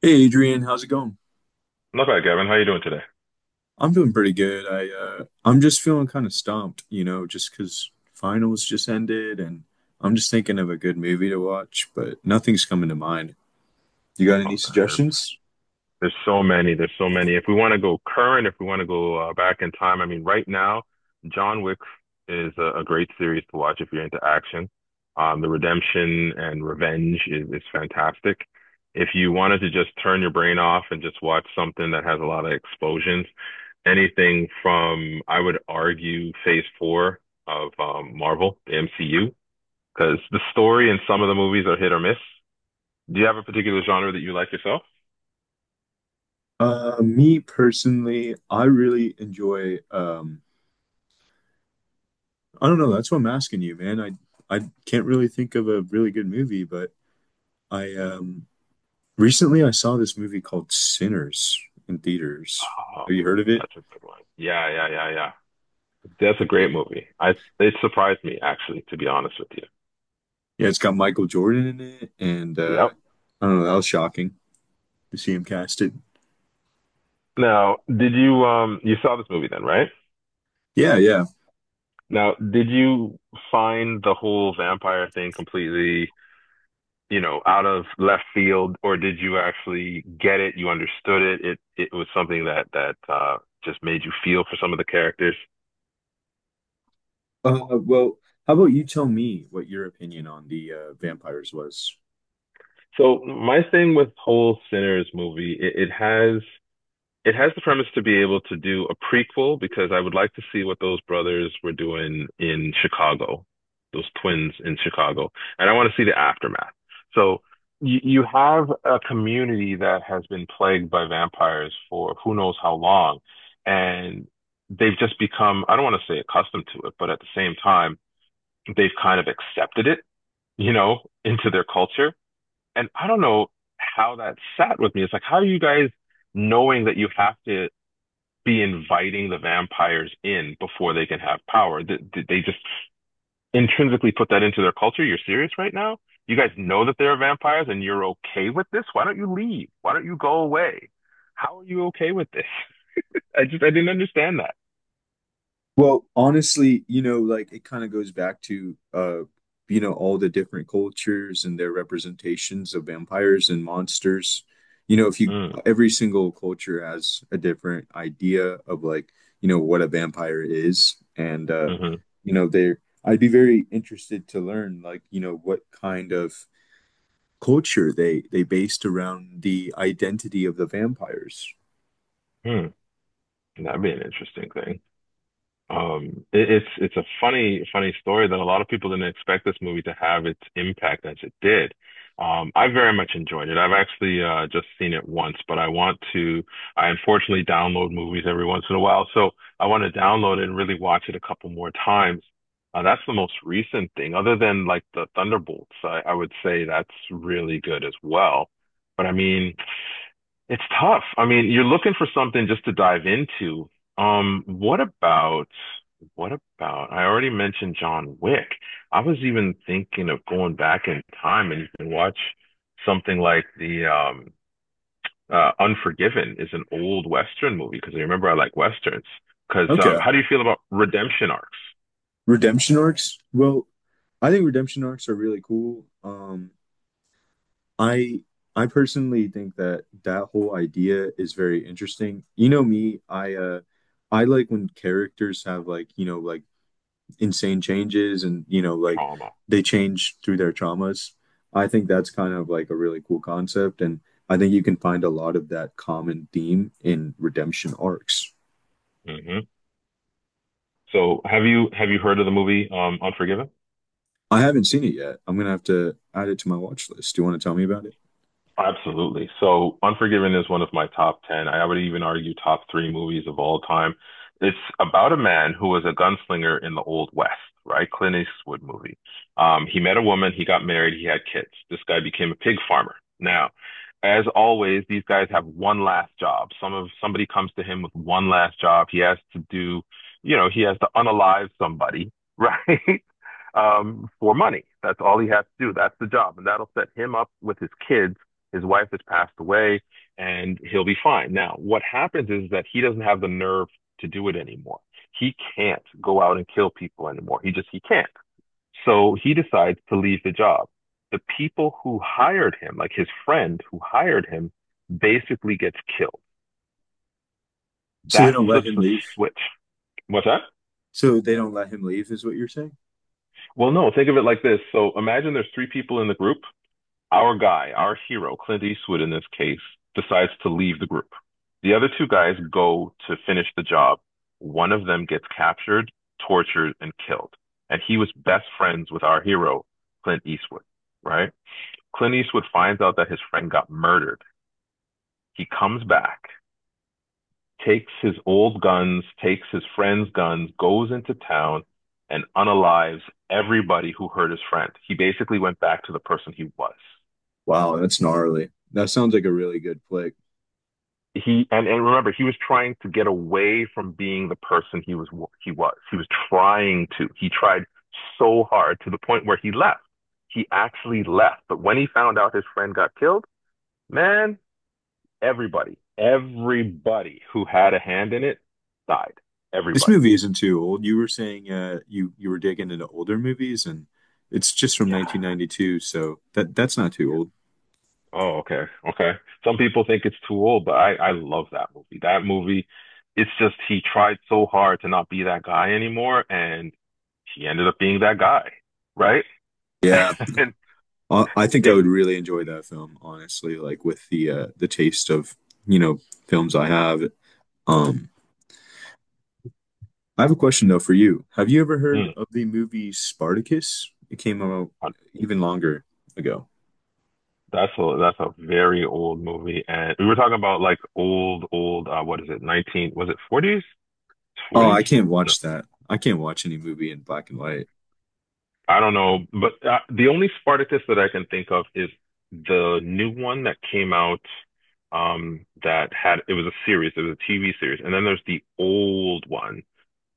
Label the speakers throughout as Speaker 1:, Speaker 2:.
Speaker 1: Hey Adrian, how's it going?
Speaker 2: Not bad, Gavin. How you doing today?
Speaker 1: I'm doing pretty good. I'm just feeling kind of stumped, you know, just 'cause finals just ended, and I'm just thinking of a good movie to watch, but nothing's coming to mind. You got any
Speaker 2: Oh man, there's
Speaker 1: suggestions?
Speaker 2: there's so many. There's so many. If we want to go current, if we want to go back in time, I mean, right now, John Wick is a great series to watch if you're into action. The redemption and revenge is fantastic. If you wanted to just turn your brain off and just watch something that has a lot of explosions, anything from, I would argue, Phase Four of Marvel, the MCU, because the story in some of the movies are hit or miss. Do you have a particular genre that you like yourself?
Speaker 1: Me personally, I really enjoy I don't know, that's what I'm asking you, man. I can't really think of a really good movie, but I recently I saw this movie called Sinners in theaters.
Speaker 2: Oh,
Speaker 1: Have you heard of it?
Speaker 2: that's a good one. Yeah, yeah, yeah, yeah. That's a great movie. I it surprised me actually, to be honest with you.
Speaker 1: Yeah, it's got Michael Jordan in it, and
Speaker 2: Yep.
Speaker 1: I don't know, that was shocking to see him casted.
Speaker 2: Now, did you you saw this movie then, right?
Speaker 1: Yeah, yeah.
Speaker 2: Now, did you find the whole vampire thing completely, you know, out of left field, or did you actually get it? You understood it. It was something that that just made you feel for some of the characters.
Speaker 1: Well, how about you tell me what your opinion on the vampires was?
Speaker 2: So my thing with whole Sinners movie, it has it has the premise to be able to do a prequel because I would like to see what those brothers were doing in Chicago, those twins in Chicago, and I want to see the aftermath. So you have a community that has been plagued by vampires for who knows how long, and they've just become, I don't want to say accustomed to it, but at the same time, they've kind of accepted it, you know, into their culture. And I don't know how that sat with me. It's like, how are you guys knowing that you have to be inviting the vampires in before they can have power. They just intrinsically put that into their culture. You're serious right now? You guys know that there are vampires and you're okay with this? Why don't you leave? Why don't you go away? How are you okay with this? I just I didn't understand that.
Speaker 1: Well, honestly, you know, like it kind of goes back to you know, all the different cultures and their representations of vampires and monsters. You know, if you
Speaker 2: Mm,
Speaker 1: every single culture has a different idea of like, you know, what a vampire is, and
Speaker 2: hmm
Speaker 1: you know, they're I'd be very interested to learn like, you know, what kind of culture they based around the identity of the vampires.
Speaker 2: Hmm. That'd be an interesting thing. It's a funny story that a lot of people didn't expect this movie to have its impact as it did. I very much enjoyed it. I've actually just seen it once, but I want to. I unfortunately download movies every once in a while, so I want to download it and really watch it a couple more times. That's the most recent thing, other than like the Thunderbolts. I would say that's really good as well. But I mean. It's tough. I mean, you're looking for something just to dive into. Um, what about what about I already mentioned John Wick. I was even thinking of going back in time and you can watch something like the Unforgiven is an old Western movie because I remember I like Westerns. Because
Speaker 1: Okay.
Speaker 2: how do you feel about redemption arcs?
Speaker 1: Redemption arcs? Well, I think redemption arcs are really cool. I I personally think that that whole idea is very interesting. You know me, I like when characters have like, you know, like insane changes and, you know, like
Speaker 2: Trauma.
Speaker 1: they change through their traumas. I think that's kind of like a really cool concept, and I think you can find a lot of that common theme in redemption arcs.
Speaker 2: hmm So have you heard of the movie Unforgiven?
Speaker 1: I haven't seen it yet. I'm gonna have to add it to my watch list. Do you want to tell me about it?
Speaker 2: Absolutely. So, Unforgiven is one of my top 10. I would even argue top three movies of all time. It's about a man who was a gunslinger in the Old West, right? Clint Eastwood movie. He met a woman, he got married, he had kids. This guy became a pig farmer. Now, as always, these guys have one last job. Somebody comes to him with one last job. He has to do, you know, he has to unalive somebody, right? For money. That's all he has to do. That's the job. And that'll set him up with his kids. His wife has passed away and he'll be fine. Now, what happens is that he doesn't have the nerve to do it anymore. He can't go out and kill people anymore. He can't. So he decides to leave the job. The people who hired him, like his friend who hired him, basically gets killed.
Speaker 1: So they
Speaker 2: That
Speaker 1: don't let
Speaker 2: flips
Speaker 1: him
Speaker 2: the
Speaker 1: leave.
Speaker 2: switch. What's that?
Speaker 1: So they don't let him leave, is what you're saying?
Speaker 2: Well, no, think of it like this. So imagine there's three people in the group. Our guy, our hero, Clint Eastwood in this case, decides to leave the group. The other two guys go to finish the job. One of them gets captured, tortured, and killed. And he was best friends with our hero, Clint Eastwood, right? Clint Eastwood finds out that his friend got murdered. He comes back, takes his old guns, takes his friend's guns, goes into town and unalives everybody who hurt his friend. He basically went back to the person he was.
Speaker 1: Wow, that's gnarly. That sounds like a really good flick.
Speaker 2: He and remember he was trying to get away from being the person he was. He was trying to he tried so hard to the point where he left. He actually left, but when he found out his friend got killed, man, everybody who had a hand in it died.
Speaker 1: This
Speaker 2: Everybody.
Speaker 1: movie isn't too old. You were saying you were digging into older movies, and it's just from
Speaker 2: Yeah.
Speaker 1: 1992, so that's not too old.
Speaker 2: Oh, okay. Okay. Some people think it's too old, but I love that movie. That movie, it's just he tried so hard to not be that guy anymore, and he ended up being that guy, right?
Speaker 1: Yeah,
Speaker 2: And
Speaker 1: I think I would
Speaker 2: it
Speaker 1: really enjoy that film, honestly. Like with the taste of you know films I have. Um, I have a question though for you. Have you ever heard
Speaker 2: mm,
Speaker 1: of the movie Spartacus? It came out even longer ago.
Speaker 2: that's a very old movie, and we were talking about like old old what is it? 19 was it 40's?
Speaker 1: Oh,
Speaker 2: 40's?
Speaker 1: I can't watch that. I can't watch any movie in black and white.
Speaker 2: I don't know, but the only Spartacus that I can think of is the new one that came out that had it was a series, it was a TV series, and then there's the old one.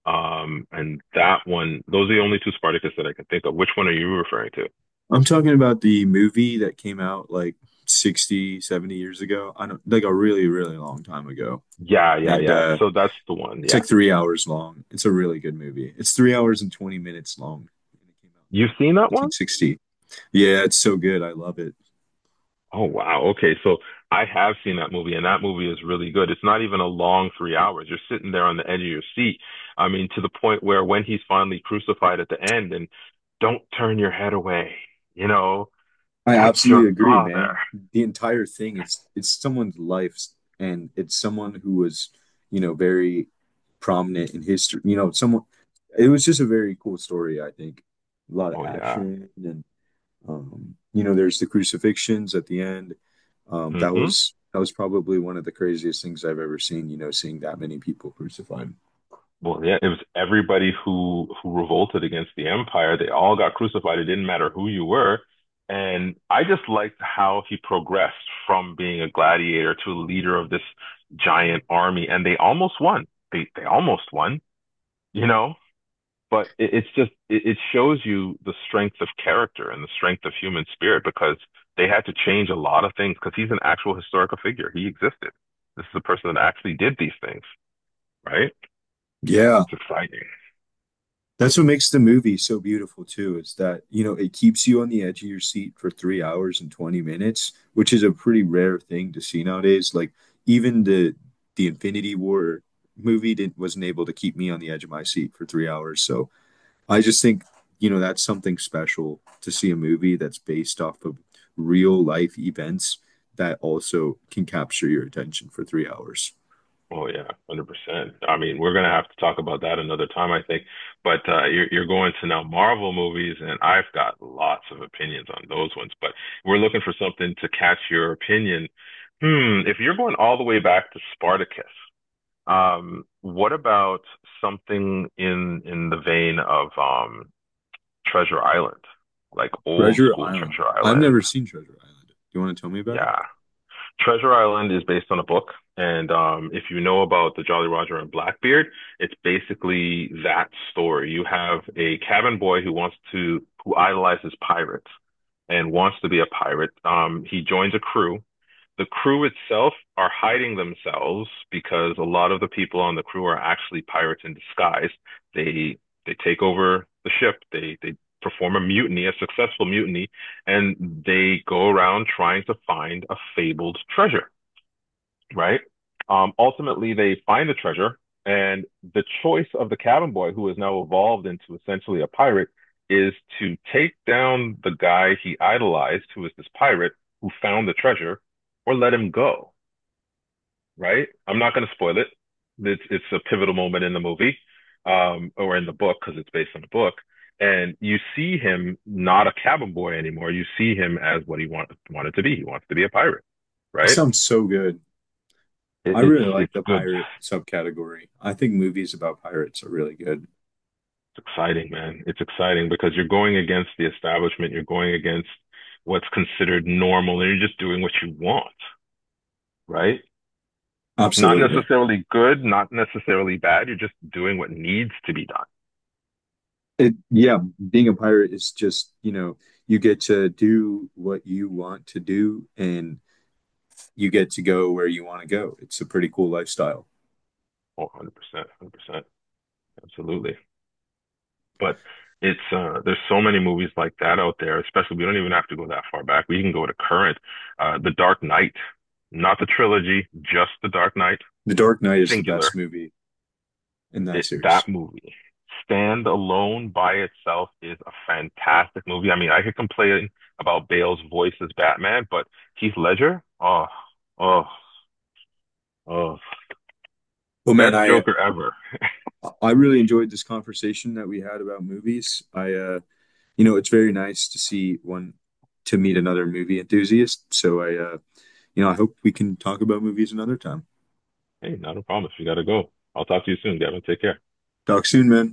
Speaker 2: And that one, those are the only two Spartacus that I can think of. Which one are you referring to?
Speaker 1: I'm talking about the movie that came out like 60, 70 years ago. I don't like a really, really long time ago.
Speaker 2: Yeah, yeah,
Speaker 1: And
Speaker 2: yeah. So that's the one.
Speaker 1: it's
Speaker 2: Yeah.
Speaker 1: like 3 hours long. It's a really good movie. It's 3 hours and 20 minutes long. And it came out in
Speaker 2: You've seen that one?
Speaker 1: 1960. Yeah, it's so good. I love it.
Speaker 2: Oh wow. Okay. So I have seen that movie and that movie is really good. It's not even a long 3 hours. You're sitting there on the edge of your seat. I mean, to the point where when he's finally crucified at the end and don't turn your head away, you know,
Speaker 1: I
Speaker 2: that's your
Speaker 1: absolutely agree,
Speaker 2: father.
Speaker 1: man. The entire thing is it's someone's life, and it's someone who was, you know, very prominent in history. You know, someone it was just a very cool story, I think. A lot of
Speaker 2: Oh yeah.
Speaker 1: action and you know, there's the crucifixions at the end. That
Speaker 2: hmm
Speaker 1: was that was probably one of the craziest things I've ever seen, you know, seeing that many people crucified.
Speaker 2: Well, yeah, it was everybody who revolted against the empire. They all got crucified. It didn't matter who you were. And I just liked how he progressed from being a gladiator to a leader of this giant army. And they almost won. They almost won, you know? But it, it's just it, it shows you the strength of character and the strength of human spirit because they had to change a lot of things because he's an actual historical figure. He existed. This is a person that actually did these things, right?
Speaker 1: Yeah.
Speaker 2: It's exciting.
Speaker 1: That's what makes the movie so beautiful too, is that, you know, it keeps you on the edge of your seat for 3 hours and 20 minutes, which is a pretty rare thing to see nowadays. Like even the Infinity War movie didn't wasn't able to keep me on the edge of my seat for 3 hours. So I just think, you know, that's something special to see a movie that's based off of real life events that also can capture your attention for 3 hours.
Speaker 2: Oh yeah, 100%. I mean, we're gonna have to talk about that another time, I think. But you're going to now Marvel movies, and I've got lots of opinions on those ones. But we're looking for something to catch your opinion. Hmm, if you're going all the way back to Spartacus, what about something in the vein of Treasure Island, like old
Speaker 1: Treasure
Speaker 2: school
Speaker 1: Island.
Speaker 2: Treasure
Speaker 1: I've never
Speaker 2: Island?
Speaker 1: seen Treasure Island. Do you want to tell me about it?
Speaker 2: Yeah. Treasure Island is based on a book, and if you know about the Jolly Roger and Blackbeard, it's basically that story. You have a cabin boy who idolizes pirates and wants to be a pirate. He joins a crew. The crew itself are hiding themselves because a lot of the people on the crew are actually pirates in disguise. They they take over the ship. They perform a mutiny, a successful mutiny, and they go around trying to find a fabled treasure, right? Ultimately, they find the treasure, and the choice of the cabin boy, who has now evolved into essentially a pirate, is to take down the guy he idolized, who is this pirate who found the treasure, or let him go, right? I'm not going to spoil it. It's a pivotal moment in the movie, or in the book, because it's based on the book. And you see him not a cabin boy anymore. You see him as what wanted to be. He wants to be a pirate,
Speaker 1: It
Speaker 2: right?
Speaker 1: sounds so good. I really like
Speaker 2: It's
Speaker 1: the
Speaker 2: good.
Speaker 1: pirate subcategory. I think movies about pirates are really good.
Speaker 2: It's exciting, man. It's exciting because you're going against the establishment, you're going against what's considered normal, and you're just doing what you want, right? Not
Speaker 1: Absolutely.
Speaker 2: necessarily good, not necessarily bad. You're just doing what needs to be done.
Speaker 1: It, yeah, being a pirate is just, you know, you get to do what you want to do, and you get to go where you want to go. It's a pretty cool lifestyle.
Speaker 2: Oh, 100%, 100%. Absolutely. But it's there's so many movies like that out there, especially we don't even have to go that far back. We can go to current. The Dark Knight, not the trilogy, just The Dark Knight,
Speaker 1: The Dark Knight is the best
Speaker 2: singular.
Speaker 1: movie in that series.
Speaker 2: That movie, stand alone by itself, is a fantastic movie. I mean, I could complain about Bale's voice as Batman, but Heath Ledger, oh, oh, oh,
Speaker 1: Well, man,
Speaker 2: best
Speaker 1: I
Speaker 2: Joker ever.
Speaker 1: I really enjoyed this conversation that we had about movies. I you know, it's very nice to see one to meet another movie enthusiast. So I you know, I hope we can talk about movies another time.
Speaker 2: Hey, not a problem if you gotta go. I'll talk to you soon, Gavin. Take care.
Speaker 1: Talk soon, man.